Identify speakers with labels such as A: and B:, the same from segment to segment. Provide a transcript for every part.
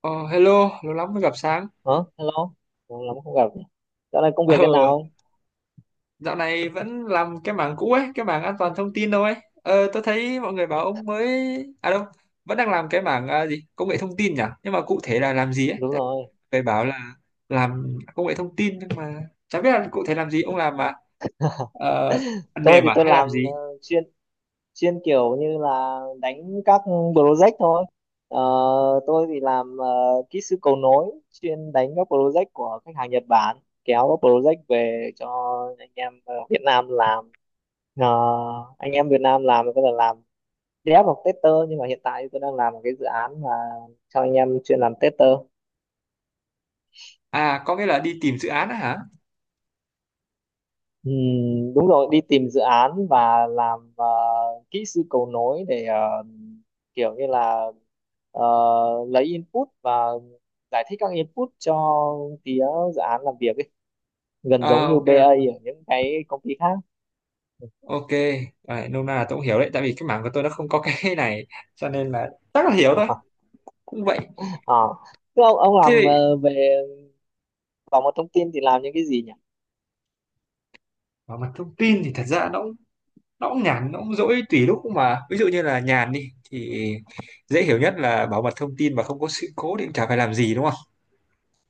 A: Ờ, Hello, lâu lắm mới gặp Sáng.
B: Hả? Hello. Lâu lắm không gặp nhỉ? Dạo này công
A: Ờ,
B: việc thế nào?
A: Dạo này vẫn làm cái mảng cũ ấy, cái mảng an toàn thông tin đâu ấy. Tôi thấy mọi người bảo ông mới... À đâu, vẫn đang làm cái mảng à, gì? Công nghệ thông tin nhỉ? Nhưng mà cụ thể là làm gì ấy?
B: Đúng
A: Tại
B: rồi.
A: người bảo là làm công nghệ thông tin nhưng mà chả biết là cụ thể làm gì. Ông làm mà ờ, phần
B: tôi
A: mềm
B: thì
A: à
B: tôi
A: hay làm
B: làm
A: gì?
B: chuyên chuyên kiểu như là đánh các project thôi. Ờ, tôi thì làm kỹ sư cầu nối, chuyên đánh các project của khách hàng Nhật Bản, kéo các project về cho anh em ở Việt Nam làm. Ờ, anh em Việt Nam làm thì có thể làm dev hoặc tester, nhưng mà hiện tại tôi đang làm một cái dự án mà cho anh em chuyên làm tester.
A: À, có nghĩa là đi tìm dự án á hả?
B: Ừ, đúng rồi, đi tìm dự án và làm kỹ sư cầu nối để kiểu như là ờ, lấy input và giải thích các input cho phía dự án làm việc ấy. Gần giống
A: À,
B: như
A: ok,
B: BA ở
A: ok.
B: những cái công ty khác.
A: Ok, đấy, nôm na là tôi cũng hiểu đấy, tại vì cái mảng của tôi nó không có cái này, cho nên là chắc là hiểu thôi, cũng vậy.
B: Ờ. Thế ông làm
A: Thế
B: về bảo mật thông tin thì làm những cái gì nhỉ?
A: Và mặt thông tin thì thật ra nó cũng nhàn, nó cũng dỗi tùy lúc, mà ví dụ như là nhàn đi thì dễ hiểu nhất là bảo mật thông tin mà không có sự cố thì cũng chả phải làm gì, đúng không.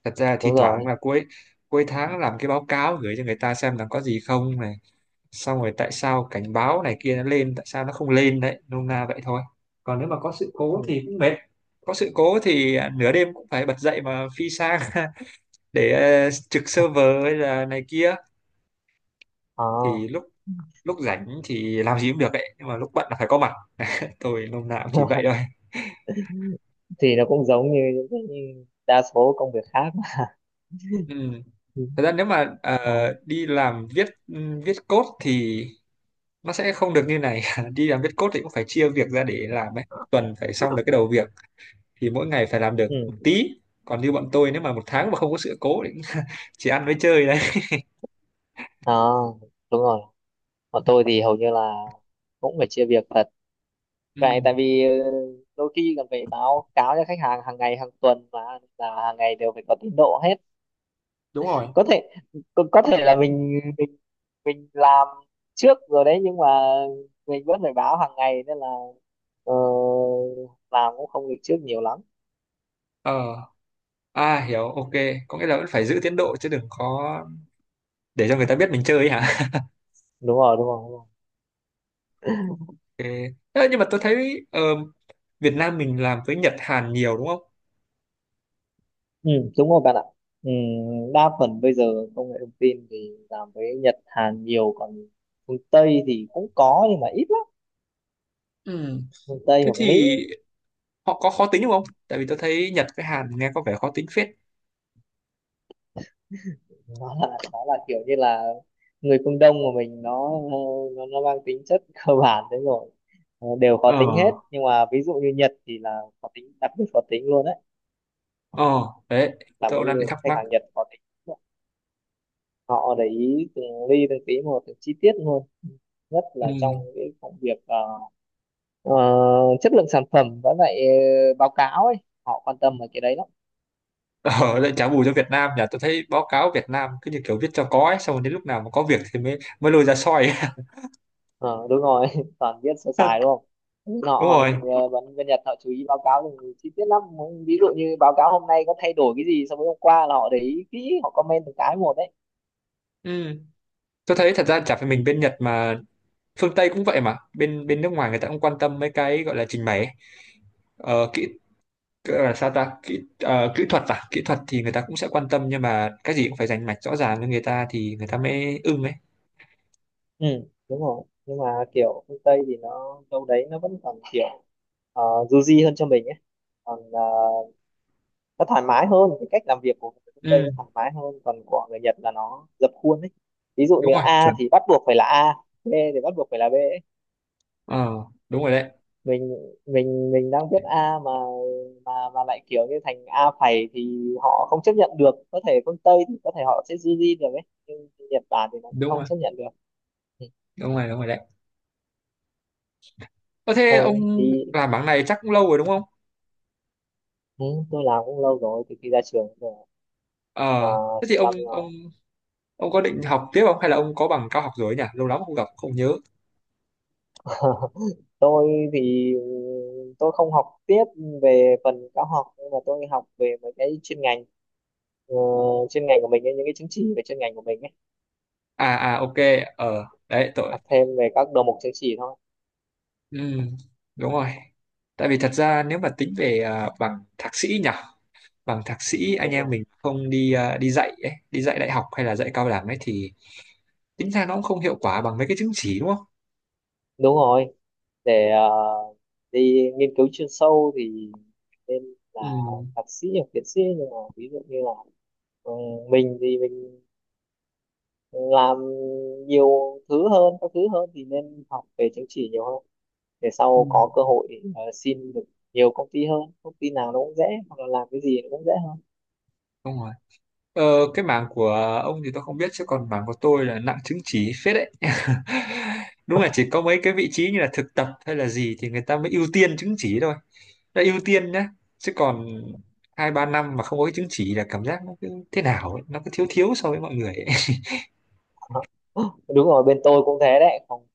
A: Thật ra thi
B: Đúng rồi.
A: thoảng là cuối cuối tháng làm cái báo cáo gửi cho người ta xem là có gì không này, xong rồi tại sao cảnh báo này kia nó lên, tại sao nó không lên đấy, nôm na vậy thôi. Còn nếu mà có sự cố
B: Ừ.
A: thì cũng mệt, có sự cố thì à, nửa đêm cũng phải bật dậy mà phi sang để trực server hay là này kia,
B: Ờ.
A: thì lúc lúc rảnh thì làm gì cũng được ấy, nhưng mà lúc bận là phải có mặt. Tôi lúc nào cũng chỉ vậy thôi.
B: Thì nó cũng giống như những cái đa số công việc khác.
A: Ừ.
B: Ừ.
A: Thật ra nếu mà
B: Ừ.
A: đi làm viết code thì nó sẽ không được như này. Đi làm viết code thì cũng phải chia việc ra để làm ấy. Một tuần phải xong được cái đầu việc thì mỗi ngày phải làm được một
B: Ừ.
A: tí. Còn như bọn tôi nếu mà một tháng mà không có sự cố thì cũng chỉ ăn với chơi đấy.
B: Ờ, đúng rồi. Còn tôi thì hầu như là cũng phải chia việc thật.
A: Ừ,
B: Vậy tại vì đôi khi còn phải báo cáo cho khách hàng hàng ngày, hàng tuần mà, là hàng ngày đều phải có tiến độ hết.
A: đúng rồi.
B: Có thể có thể là mình mình làm trước rồi đấy, nhưng mà mình vẫn phải báo hàng ngày nên là ờ, làm cũng không được trước nhiều lắm.
A: ờ à, hiểu, ok. Có nghĩa là vẫn phải giữ tiến độ chứ đừng có để cho người ta biết mình chơi ấy
B: Ừ,
A: hả.
B: đúng rồi, đúng rồi, đúng rồi.
A: Ok. Ơ, nhưng mà tôi thấy Việt Nam mình làm với Nhật Hàn nhiều đúng không?
B: Ừ, đúng rồi bạn ạ. Ừ, đa phần bây giờ công nghệ thông tin thì làm với Nhật, Hàn nhiều, còn phương Tây thì cũng có nhưng mà ít lắm,
A: Ừ.
B: miền Tây
A: Thế
B: hoặc Mỹ.
A: thì họ có khó tính đúng không? Tại vì tôi thấy Nhật với Hàn nghe có vẻ khó tính phết.
B: Nó là kiểu như là người phương Đông của mình nó nó mang tính chất cơ bản đấy rồi. Ờ, đều khó
A: Ờ,
B: tính hết, nhưng mà ví dụ như Nhật thì là khó tính, đặc biệt khó tính luôn đấy.
A: ờ, Đấy,
B: Làm
A: tôi
B: bao
A: cũng đang bị
B: nhiêu
A: thắc
B: khách
A: mắc.
B: hàng Nhật khó tính, họ để ý từng ly từng tí một, từng chi tiết luôn, nhất
A: Ừ.
B: là trong cái công việc ờ, chất lượng sản phẩm với lại báo cáo ấy, họ quan tâm về cái đấy lắm.
A: Ờ, lại trả bù cho Việt Nam nhỉ? Tôi thấy báo cáo Việt Nam cứ như kiểu viết cho có ấy, xong rồi đến lúc nào mà có việc thì mới mới lôi ra soi.
B: Ờ, đúng rồi. Toàn viết sơ sài đúng không? họ
A: Đúng
B: họ
A: rồi.
B: bên bên Nhật họ chú ý báo cáo thì chi tiết lắm. Ví dụ như báo cáo hôm nay có thay đổi cái gì so với hôm qua là họ để ý kỹ, họ comment từng cái một đấy.
A: Ừ. Tôi
B: Ừ,
A: thấy thật ra chả phải mình bên Nhật mà phương Tây cũng vậy mà. Bên bên nước ngoài người ta cũng quan tâm mấy cái gọi là trình bày ấy. Ờ, kỹ Cứ là sao ta, kỹ kỹ thuật à, kỹ thuật thì người ta cũng sẽ quan tâm, nhưng mà cái gì cũng phải rành mạch rõ ràng với người ta thì người ta mới ưng ấy.
B: ừ, đúng rồi, nhưng mà kiểu phương Tây thì nó đâu đấy nó vẫn còn kiểu du di hơn cho mình ấy. Còn nó thoải mái hơn, cái cách làm việc của người phương Tây
A: Ừ,
B: nó thoải mái hơn, còn của người Nhật là nó dập khuôn ấy. Ví dụ
A: đúng
B: như
A: rồi,
B: A
A: chuẩn.
B: thì bắt buộc phải là A, B thì bắt buộc phải là B.
A: ờ đúng rồi đấy,
B: mình mình mình đang viết A mà mà lại kiểu như thành A phẩy thì họ không chấp nhận được. Có thể phương Tây thì có thể họ sẽ duy được ấy, nhưng Nhật Bản thì nó
A: đúng
B: không
A: rồi,
B: chấp nhận được.
A: đúng rồi, đúng rồi đấy. Ờ thế
B: Ừ,
A: ông
B: thì
A: làm bảng này chắc cũng lâu rồi đúng không.
B: ừ, tôi làm cũng lâu rồi, từ khi ra trường rồi,
A: ờ thế thì
B: chục
A: ông
B: năm rồi.
A: ông ông có định học tiếp không, hay là ông có bằng cao học rồi ấy nhỉ, lâu lắm không gặp không nhớ.
B: Tôi thì ừ, tôi không học tiếp về phần cao học, nhưng mà tôi học về mấy cái chuyên ngành, ờ, chuyên ngành của mình ấy, những cái chứng chỉ về chuyên ngành của mình ấy.
A: À à, ok. Đấy tội.
B: Học thêm về các đầu mục chứng chỉ thôi.
A: Ừ, đúng rồi. Tại vì thật ra nếu mà tính về à, bằng thạc sĩ nhỉ, bằng thạc sĩ anh
B: Đúng rồi,
A: em mình không đi à, đi dạy ấy, đi dạy đại học hay là dạy cao đẳng ấy thì tính ra nó cũng không hiệu quả bằng mấy cái chứng chỉ đúng không?
B: đúng rồi, để đi nghiên cứu chuyên sâu thì nên là
A: Ừ,
B: thạc sĩ hoặc tiến sĩ, nhưng mà ví dụ như là ừ, mình thì mình làm nhiều thứ hơn, các thứ hơn thì nên học về chứng chỉ nhiều hơn, để
A: Ừ.
B: sau có cơ hội xin được nhiều công ty hơn, công ty nào nó cũng dễ, hoặc là làm cái gì nó cũng dễ hơn.
A: Đúng rồi. Ờ, cái mảng của ông thì tôi không biết, chứ còn mảng của tôi là nặng chứng chỉ phết đấy. Đúng là chỉ có mấy cái vị trí như là thực tập hay là gì thì người ta mới ưu tiên chứng chỉ thôi. Đã ưu tiên nhá. Chứ còn 2-3 năm mà không có cái chứng chỉ là cảm giác nó cứ thế nào ấy, nó cứ thiếu thiếu so với mọi người ấy.
B: Đúng rồi, bên tôi cũng thế đấy. Không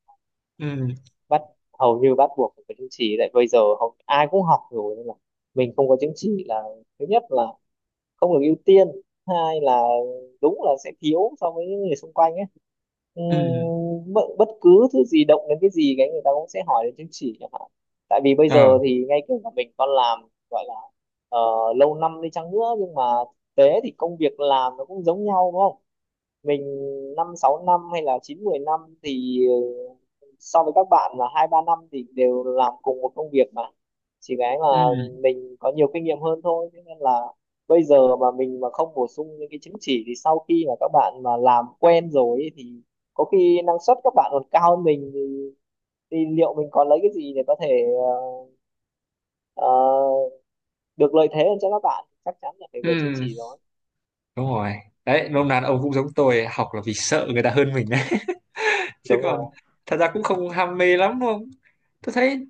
A: Ừ,
B: bắt, hầu như bắt buộc phải có chứng chỉ, tại bây giờ hầu ai cũng học rồi nên là mình không có chứng chỉ là thứ nhất là không được ưu tiên, hai là đúng là sẽ thiếu so với những người xung quanh ấy.
A: ừ,
B: Bất cứ thứ gì động đến cái gì cái người ta cũng sẽ hỏi đến chứng chỉ chẳng hạn, tại vì bây giờ
A: ờ,
B: thì ngay cả mình con làm, gọi là ờ, lâu năm đi chăng nữa, nhưng mà thực tế thì công việc làm nó cũng giống nhau đúng không? Mình năm sáu năm hay là chín mười năm thì so với các bạn là hai ba năm thì đều làm cùng một công việc mà, chỉ cái
A: ừ,
B: là mình có nhiều kinh nghiệm hơn thôi. Thế nên là bây giờ mà mình mà không bổ sung những cái chứng chỉ thì sau khi mà các bạn mà làm quen rồi ấy, thì có khi năng suất các bạn còn cao hơn mình thì liệu mình có lấy cái gì để có thể ờ, ờ, được lợi thế hơn cho các bạn, chắc chắn là phải về chứng
A: ừ.
B: chỉ rồi.
A: Đúng rồi đấy, nôm na là ông cũng giống tôi, học là vì sợ người ta hơn mình đấy. Chứ
B: Đúng
A: còn
B: rồi.
A: thật ra cũng không ham mê lắm đúng không, tôi thấy.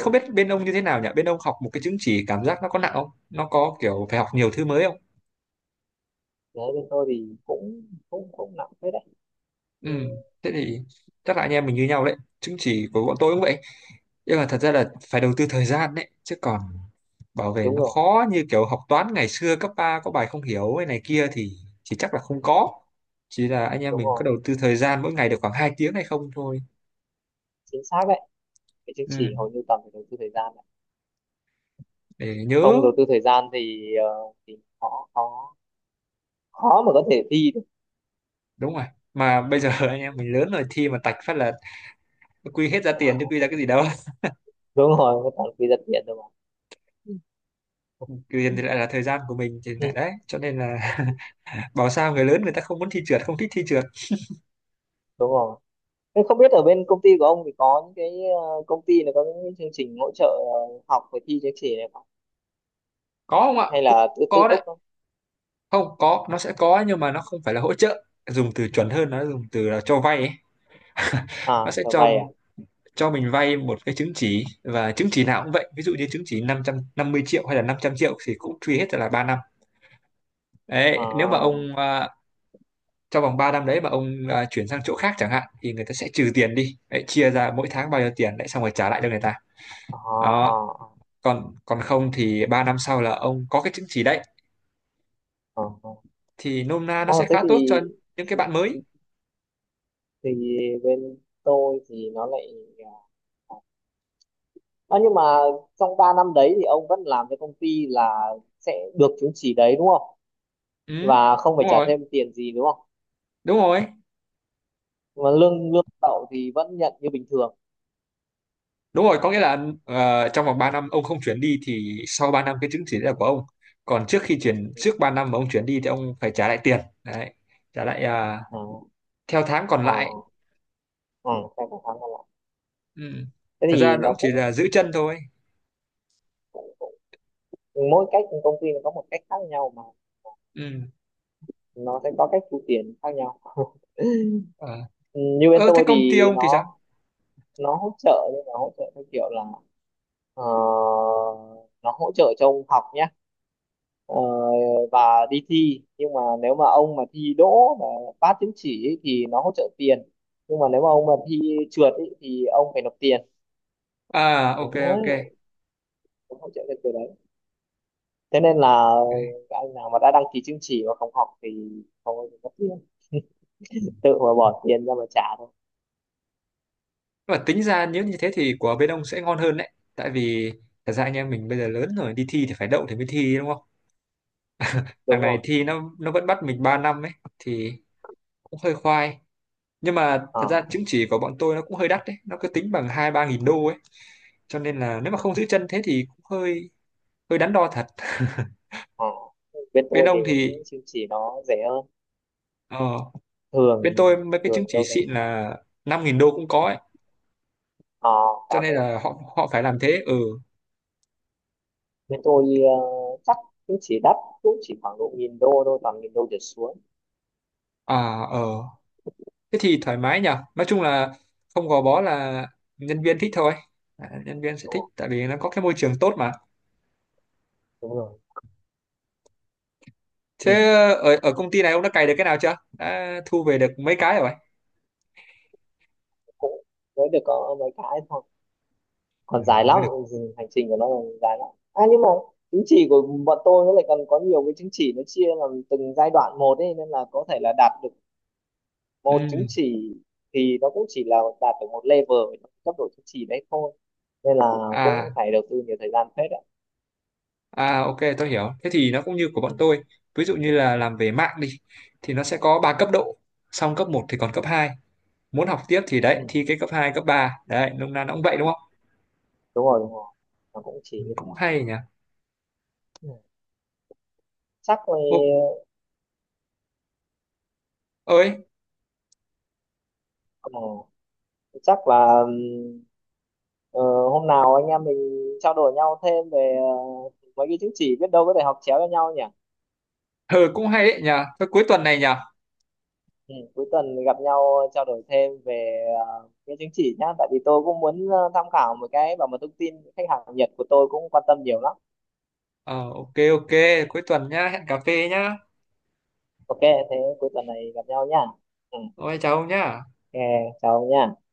A: Không biết bên ông như thế nào nhỉ, bên ông học một cái chứng chỉ cảm giác nó có nặng không, nó có kiểu phải học nhiều thứ mới không.
B: Đấy bên tôi thì cũng cũng cũng nặng thế đấy.
A: Ừ,
B: Ừ.
A: thế thì chắc là anh em mình như nhau đấy, chứng chỉ của bọn tôi cũng vậy, nhưng mà thật ra là phải đầu tư thời gian đấy. Chứ còn bảo vệ
B: Đúng
A: nó
B: rồi,
A: khó như kiểu học toán ngày xưa cấp 3 có bài không hiểu hay này kia thì chỉ chắc là không có, chỉ là anh em
B: đúng
A: mình có
B: rồi,
A: đầu tư thời gian mỗi ngày được khoảng 2 tiếng hay không thôi.
B: chính xác đấy. Cái chứng
A: Ừ,
B: chỉ hầu như toàn phải đầu tư thời gian đấy.
A: để
B: Không
A: nhớ.
B: đầu tư thời gian thì thì khó khó khó mà có thể thi được.
A: Đúng rồi, mà bây giờ anh em mình lớn rồi thi mà tạch phát là quy hết ra tiền chứ quy ra cái gì đâu.
B: Đúng rồi, toàn quy giật điện thôi mà. Ừ. Ừ.
A: Tiền thì lại là thời gian của mình thì
B: Ừ,
A: lại đấy, cho nên là bảo sao người lớn người ta không muốn thi trượt, không thích thi trượt.
B: đúng rồi. Thế không biết ở bên công ty của ông thì có những cái công ty này có những cái chương trình hỗ trợ học và thi chứng chỉ này không,
A: Có không ạ,
B: hay
A: cũng
B: là tự tự
A: có đấy.
B: túc không?
A: Không, có nó sẽ có, nhưng mà nó không phải là hỗ trợ, dùng từ chuẩn hơn, nó dùng từ là cho vay ấy.
B: À
A: Nó sẽ
B: trở
A: cho
B: về à.
A: cho mình vay một cái chứng chỉ, và chứng chỉ nào cũng vậy, ví dụ như chứng chỉ năm, 550 triệu hay là 500 triệu thì cũng truy hết ra là 3 năm. Đấy nếu mà
B: À.
A: ông à, trong vòng 3 năm đấy mà ông à, chuyển sang chỗ khác chẳng hạn, thì người ta sẽ trừ tiền đi đấy, chia ra mỗi tháng bao nhiêu tiền đấy xong rồi trả lại cho người ta.
B: À.
A: Đó.
B: À.
A: Còn còn không thì 3 năm sau là ông có cái chứng chỉ đấy,
B: À, à. Ờ.
A: thì nôm na nó
B: Ờ,
A: sẽ
B: thế
A: khá tốt cho
B: thì,
A: những cái
B: thì
A: bạn mới.
B: thì thì bên tôi thì nó lại à. Ờ, nhưng mà trong 3 năm đấy thì ông vẫn làm cho công ty là sẽ được chứng chỉ đấy đúng không?
A: Ừ,
B: Và không phải
A: đúng
B: trả
A: rồi,
B: thêm tiền gì đúng không?
A: đúng rồi,
B: Mà lương lương đậu thì vẫn nhận như bình thường.
A: đúng rồi. Có nghĩa là trong vòng 3 năm ông không chuyển đi thì sau 3 năm cái chứng chỉ đấy là của ông, còn trước khi chuyển, trước 3 năm mà ông chuyển đi thì ông phải trả lại tiền đấy, trả lại à,
B: Ừ.
A: theo tháng còn
B: Ờ,
A: lại.
B: ờ, ờ, cái cũng khá là lạ.
A: Ừ.
B: Thế
A: Thật ra
B: thì
A: nó
B: nó
A: cũng chỉ
B: cũng,
A: là giữ chân thôi.
B: cũng mỗi cách công ty nó có một cách khác nhau mà,
A: Ừ.
B: nó sẽ có cách thu tiền khác nhau.
A: Ờ.
B: Ừ, như bên
A: Ờ, thế
B: tôi
A: công ty
B: thì
A: ông thì sao?
B: nó hỗ trợ, nhưng mà hỗ trợ theo kiểu là ờ, nó hỗ trợ cho ông học nhé, ờ, và đi thi, nhưng mà nếu mà ông mà thi đỗ mà phát chứng chỉ ấy, thì nó hỗ trợ tiền, nhưng mà nếu mà ông mà thi trượt ấy, thì ông phải nộp tiền.
A: À, ok,
B: Đấy,
A: ok.
B: cũng hỗ trợ cái từ đấy, thế nên là các anh nào mà đã đăng ký chứng chỉ mà không học thì không có tiền, tự mà bỏ tiền ra mà trả thôi.
A: Và tính ra nếu như thế thì của bên ông sẽ ngon hơn đấy. Tại vì thật ra anh em mình bây giờ lớn rồi, đi thi thì phải đậu thì mới thi đúng không? Đằng
B: Đúng
A: này
B: rồi.
A: thi nó vẫn bắt mình 3 năm ấy, thì cũng hơi khoai. Nhưng mà thật ra
B: Ờ.
A: chứng chỉ của bọn tôi nó cũng hơi đắt đấy, nó cứ tính bằng 2-3 nghìn đô ấy. Cho nên là nếu mà không giữ chân thế thì cũng hơi hơi đắn đo thật.
B: Ờ, bên
A: Bên
B: tôi thì
A: ông
B: cũng
A: thì,
B: chứng chỉ nó rẻ hơn.
A: ờ, bên
B: thường
A: tôi mấy cái
B: thường
A: chứng chỉ
B: đâu đấy.
A: xịn là 5 nghìn đô cũng có ấy.
B: Ờ,
A: Cho
B: cao
A: nên
B: thế.
A: là họ họ phải làm thế, ừ.
B: Bên tôi chắc chứng chỉ đắt cũng chỉ khoảng độ nghìn đô thôi, toàn nghìn đô trở xuống.
A: À, ờ thế thì thoải mái nhở, nói chung là không gò bó, là nhân viên thích thôi, à, nhân viên sẽ
B: Đúng
A: thích
B: rồi,
A: tại vì nó có cái môi trường tốt mà.
B: đúng rồi. Ừ.
A: Thế ờ, ở ở công ty này ông đã cày được cái nào chưa, đã thu về được mấy cái rồi.
B: Cũng mới được có mấy cái thôi,
A: Ừ,
B: còn dài
A: mới
B: lắm.
A: được.
B: Ừ, hành trình của nó còn dài lắm. À nhưng mà chứng chỉ của bọn tôi nó lại còn có nhiều cái, chứng chỉ nó chia làm từng giai đoạn một ấy, nên là có thể là đạt được một
A: Ừ.
B: chứng chỉ thì nó cũng chỉ là đạt được một level ở trong cấp độ chứng chỉ đấy thôi, nên là
A: À,
B: cũng phải đầu tư nhiều thời gian phết ạ.
A: à ok tôi hiểu. Thế thì nó cũng như của bọn
B: Ừ.
A: tôi. Ví dụ như là làm về mạng đi thì nó sẽ có 3 cấp độ. Xong cấp một thì còn cấp hai. Muốn học tiếp thì
B: Ừ.
A: đấy thi cái cấp hai, cấp ba. Đấy, nôm na nó cũng vậy đúng không?
B: Đúng rồi, đúng rồi, nó cũng chỉ
A: Ừ,
B: như thế.
A: cũng hay nhỉ.
B: Ừ. chắc là
A: Ô, ơi,
B: ờ, chắc là Ờ, hôm nào anh em mình trao đổi nhau thêm về mấy cái chứng chỉ, biết đâu có thể học chéo cho nhau nhỉ.
A: ừ, cũng hay đấy nhỉ. Thôi cuối tuần này nhỉ.
B: Ừ, cuối tuần gặp nhau trao đổi thêm về cái chứng chỉ nhá, tại vì tôi cũng muốn tham khảo một cái, bảo mật thông tin khách hàng Nhật của tôi cũng quan tâm nhiều lắm.
A: Ờ ok ok, cuối tuần nhá, hẹn cà phê nhá.
B: Ok, thế cuối tuần này gặp nhau nhá. Ừ.
A: Ôi chào ông nhá.
B: Ok, chào ông nhá.